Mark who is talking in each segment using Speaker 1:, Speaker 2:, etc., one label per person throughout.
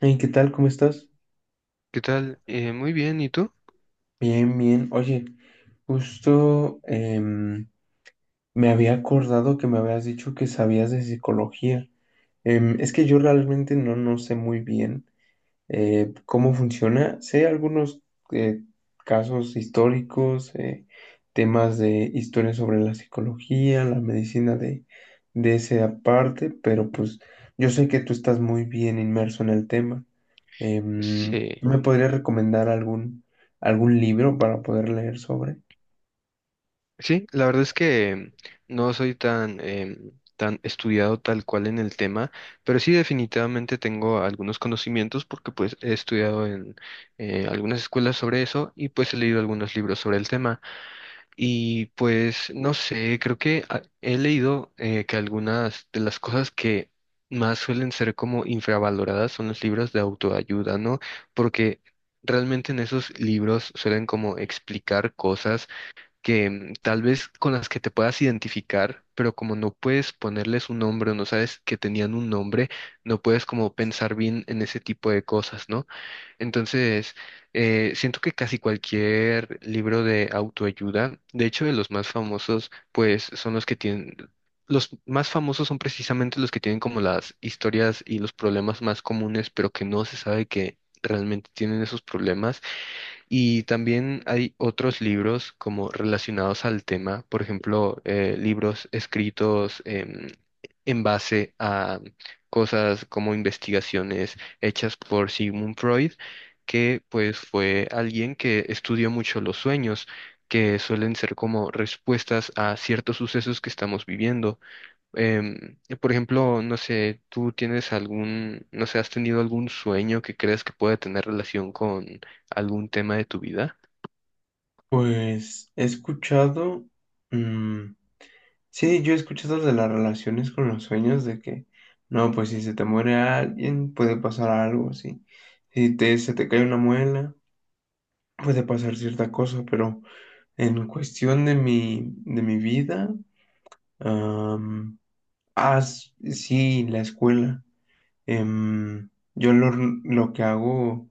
Speaker 1: Hey, ¿qué tal? ¿Cómo estás?
Speaker 2: ¿Qué tal? Muy bien, ¿y tú?
Speaker 1: Bien, bien. Oye, justo me había acordado que me habías dicho que sabías de psicología. Es que yo realmente no sé muy bien, cómo funciona. Sé algunos eh, casos históricos, temas de historia sobre la psicología, la medicina de esa parte, pero pues yo sé que tú estás muy bien inmerso en el tema.
Speaker 2: Sí,
Speaker 1: ¿Tú me podrías recomendar algún libro para poder leer sobre?
Speaker 2: sí, la verdad es que no soy tan, tan estudiado tal cual en el tema, pero sí definitivamente tengo algunos conocimientos porque pues he estudiado en algunas escuelas sobre eso y pues he leído algunos libros sobre el tema. Y pues no sé, creo que he leído que algunas de las cosas que más suelen ser como infravaloradas son los libros de autoayuda, ¿no? Porque realmente en esos libros suelen como explicar cosas que tal vez con las que te puedas identificar, pero como no puedes ponerles un nombre o no sabes que tenían un nombre, no puedes como pensar bien en ese tipo de cosas, ¿no? Entonces, siento que casi cualquier libro de autoayuda, de hecho, de los más famosos, pues son los que tienen, los más famosos son precisamente los que tienen como las historias y los problemas más comunes, pero que no se sabe que realmente tienen esos problemas. Y también hay otros libros como relacionados al tema, por ejemplo, libros escritos en base a cosas como investigaciones hechas por Sigmund Freud, que pues fue alguien que estudió mucho los sueños, que suelen ser como respuestas a ciertos sucesos que estamos viviendo. Por ejemplo, no sé, ¿tú tienes algún, no sé, has tenido algún sueño que crees que pueda tener relación con algún tema de tu vida?
Speaker 1: Pues he escuchado, sí, yo escucho escuchado de las relaciones con los sueños, de no, pues si se te muere alguien, puede pasar algo así. Si te, se te cae una muela, puede pasar cierta cosa, pero en cuestión de de mi vida, am, sí, la escuela. Em, yo lo, lo que hago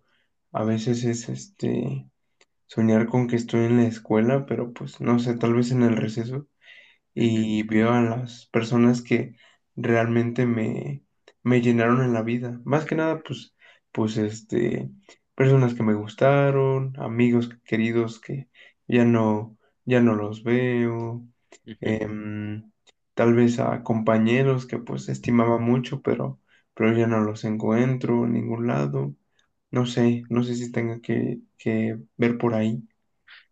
Speaker 1: a veces es soñar con que estoy en la escuela, pero pues no sé, tal vez en el receso.
Speaker 2: Ujú,
Speaker 1: Y veo a las personas que realmente me llenaron en la vida. Más que nada, pues, pues personas que me gustaron, amigos queridos que ya no, ya no los veo,
Speaker 2: ujú.
Speaker 1: em, tal vez a compañeros que pues estimaba mucho, pero ya no los encuentro en ningún lado. No sé, no sé si tenga que ver por ahí.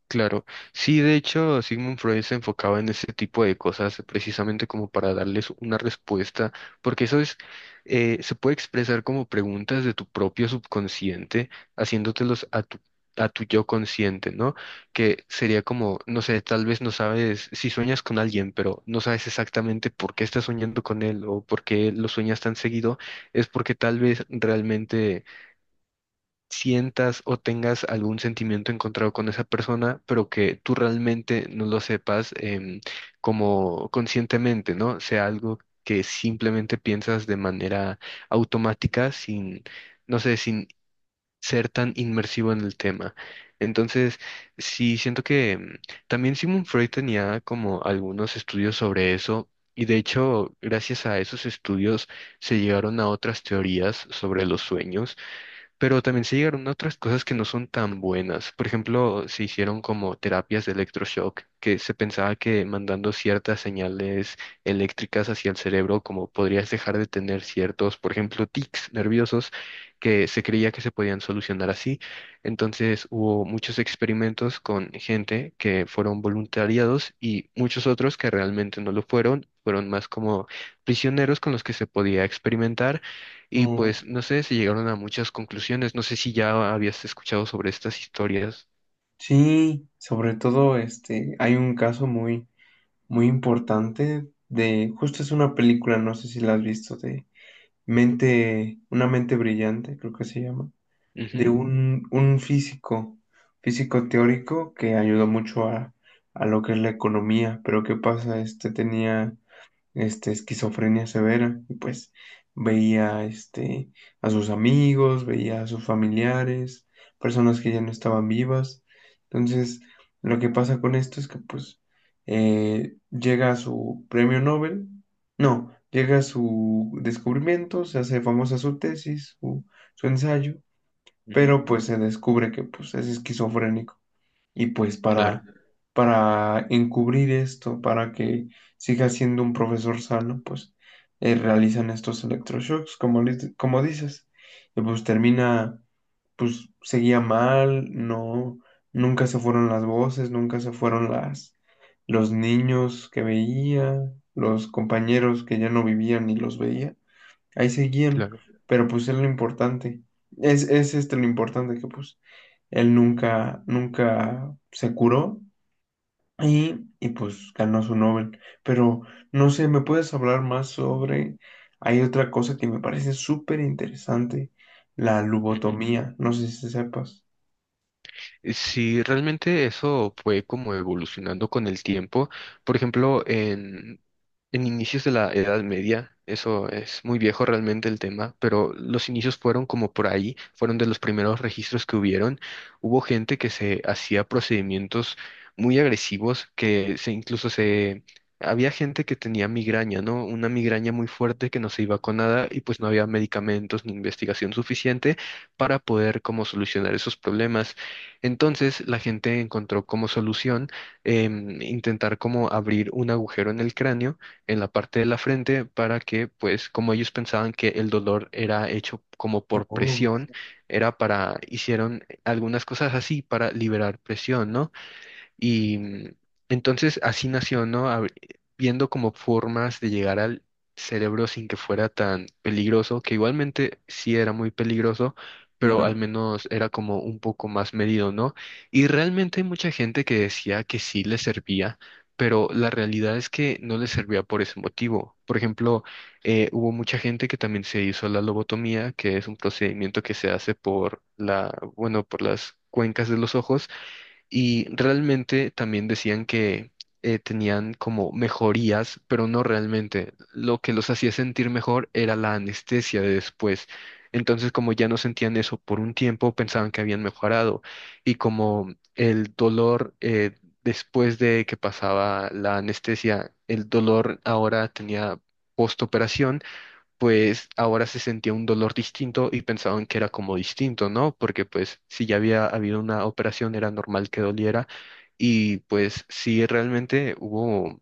Speaker 2: Claro, sí, de hecho, Sigmund Freud se enfocaba en ese tipo de cosas precisamente como para darles una respuesta, porque eso es, se puede expresar como preguntas de tu propio subconsciente, haciéndotelos a tu yo consciente, ¿no? Que sería como, no sé, tal vez no sabes si sueñas con alguien, pero no sabes exactamente por qué estás soñando con él o por qué lo sueñas tan seguido, es porque tal vez realmente sientas o tengas algún sentimiento encontrado con esa persona, pero que tú realmente no lo sepas como conscientemente, ¿no? Sea algo que simplemente piensas de manera automática, sin, no sé, sin ser tan inmersivo en el tema. Entonces, sí, siento que también Sigmund Freud tenía como algunos estudios sobre eso. Y de hecho, gracias a esos estudios se llegaron a otras teorías sobre los sueños pero también se llegaron a otras cosas que no son tan buenas. Por ejemplo, se hicieron como terapias de electroshock, que se pensaba que mandando ciertas señales eléctricas hacia el cerebro, como podrías dejar de tener ciertos, por ejemplo, tics nerviosos, que se creía que se podían solucionar así. Entonces hubo muchos experimentos con gente que fueron voluntariados y muchos otros que realmente no lo fueron. Fueron más como prisioneros con los que se podía experimentar y
Speaker 1: Mm,
Speaker 2: pues no sé, se llegaron a muchas conclusiones. No sé si ya habías escuchado sobre estas historias.
Speaker 1: sí, sobre todo este, hay un caso muy, muy importante de, justo es una película, no sé si la has visto, de Mente, una mente brillante, creo que se llama, de
Speaker 2: Ujú,
Speaker 1: un físico, físico teórico que ayudó mucho a lo que es la economía, pero ¿qué pasa? Este tenía esquizofrenia severa, y pues veía a sus amigos, veía a sus familiares, personas que ya no estaban vivas. Entonces, lo que pasa con esto es que pues llega a su premio Nobel, no, llega a su descubrimiento, se hace famosa su tesis, su ensayo,
Speaker 2: ujú,
Speaker 1: pero pues se descubre que pues es esquizofrénico. Y pues
Speaker 2: claro,
Speaker 1: para encubrir esto, para que siga siendo un profesor sano, pues realizan estos electroshocks, como, como dices. Y pues termina, pues seguía mal, no, nunca se fueron las voces, nunca se fueron los niños que veía, los compañeros que ya no vivían y los veía. Ahí seguían,
Speaker 2: claro.
Speaker 1: pero pues es lo importante. Es este lo importante que pues él nunca, nunca se curó y, pues ganó su Nobel. Pero no sé, ¿me puedes hablar más sobre... Hay otra cosa que me parece súper interesante, la
Speaker 2: Ujú.
Speaker 1: lobotomía. No sé si sepas.
Speaker 2: Sí, realmente eso fue como evolucionando con el tiempo. Por ejemplo, en inicios de la Edad Media, eso es muy viejo realmente el tema, pero los inicios fueron como por ahí, fueron de los primeros registros que hubieron. Hubo gente que se hacía procedimientos muy agresivos, que se incluso se... Había gente que tenía migraña, ¿no? Una migraña muy fuerte que no se iba con nada y pues no había medicamentos ni investigación suficiente para poder como solucionar esos problemas. Entonces la gente encontró como solución intentar como abrir un agujero en el cráneo, en la parte de la frente, para que pues como ellos pensaban que el dolor era hecho como por
Speaker 1: Oh,
Speaker 2: presión, era para, hicieron algunas cosas así para liberar presión, ¿no? Y entonces así nació, ¿no? Viendo como formas de llegar al cerebro sin que fuera tan peligroso, que igualmente sí era muy peligroso, pero al
Speaker 1: claro,
Speaker 2: menos era como un poco más medido, ¿no? Y realmente hay mucha gente que decía que sí le servía, pero la realidad es que no le servía por ese motivo. Por ejemplo, hubo mucha gente que también se hizo la lobotomía, que es un procedimiento que se hace por la, bueno, por las cuencas de los ojos y realmente también decían que tenían como mejorías, pero no realmente. Lo que los hacía sentir mejor era la anestesia de después. Entonces, como ya no sentían eso por un tiempo, pensaban que habían mejorado. Y como el dolor después de que pasaba la anestesia, el dolor ahora tenía postoperación pues ahora se sentía un dolor distinto y pensaban que era como distinto, ¿no? Porque pues si ya había habido una operación era normal que doliera y pues sí realmente hubo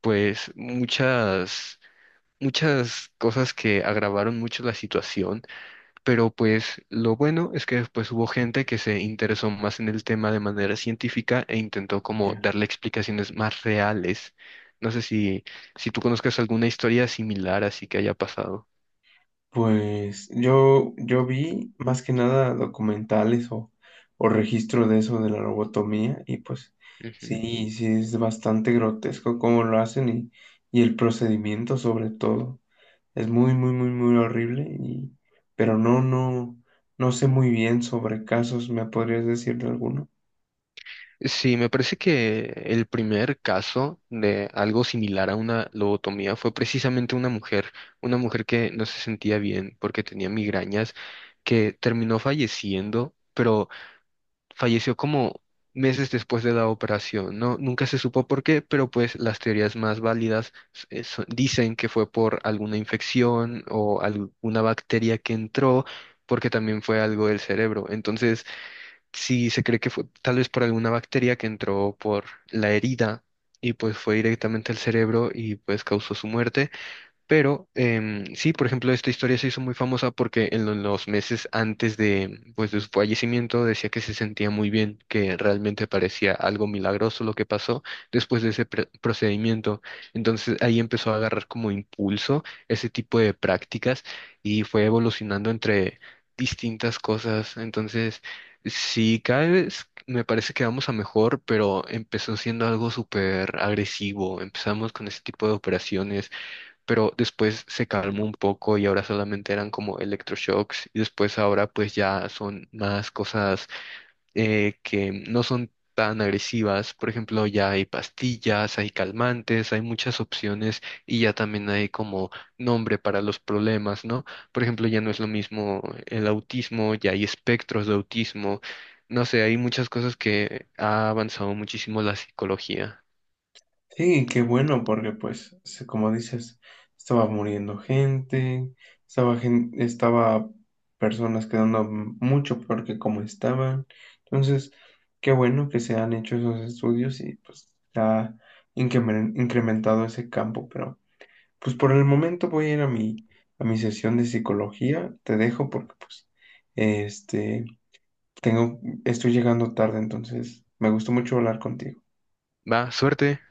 Speaker 2: pues muchas cosas que agravaron mucho la situación, pero pues lo bueno es que después hubo gente que se interesó más en el tema de manera científica e intentó como
Speaker 1: ya.
Speaker 2: darle explicaciones más reales. No sé si tú conozcas alguna historia similar así que haya pasado.
Speaker 1: Pues yo vi más que nada documentales o registro de eso de la lobotomía y pues sí, sí es bastante grotesco cómo lo hacen y el procedimiento sobre todo. Es muy, muy, muy, muy horrible y pero no, no, no sé muy bien sobre casos, ¿me podrías decir de alguno?
Speaker 2: Sí, me parece que el primer caso de algo similar a una lobotomía fue precisamente una mujer que no se sentía bien porque tenía migrañas, que terminó falleciendo, pero falleció como meses después de la operación. No, nunca se supo por qué, pero pues las teorías más válidas dicen que fue por alguna infección o alguna bacteria que entró, porque también fue algo del cerebro. Entonces, sí, se cree que fue tal vez por alguna bacteria que entró por la herida y pues fue directamente al cerebro y pues causó su muerte. Pero sí, por ejemplo, esta historia se hizo muy famosa porque en los meses antes de, pues, de su fallecimiento decía que se sentía muy bien, que realmente parecía algo milagroso lo que pasó después de ese procedimiento. Entonces ahí empezó a agarrar como impulso ese tipo de prácticas y fue evolucionando entre distintas cosas. Entonces, sí, cada vez me parece que vamos a mejor, pero empezó siendo algo súper agresivo. Empezamos con ese tipo de operaciones pero después se calmó un poco y ahora solamente eran como electroshocks y después ahora pues ya son más cosas que no son tan agresivas. Por ejemplo, ya hay pastillas, hay calmantes, hay muchas opciones y ya también hay como nombre para los problemas, ¿no? Por ejemplo, ya no es lo mismo el autismo, ya hay espectros de autismo. No sé, hay muchas cosas que ha avanzado muchísimo la psicología.
Speaker 1: Sí, qué bueno, porque pues, como dices, estaba muriendo gente, estaba estaba personas quedando mucho peor que como estaban. Entonces, qué bueno que se han hecho esos estudios y pues se ha incrementado ese campo, pero pues por el momento voy a ir a a mi sesión de psicología. Te dejo porque pues este tengo, estoy llegando tarde, entonces me gustó mucho hablar contigo.
Speaker 2: Va, suerte.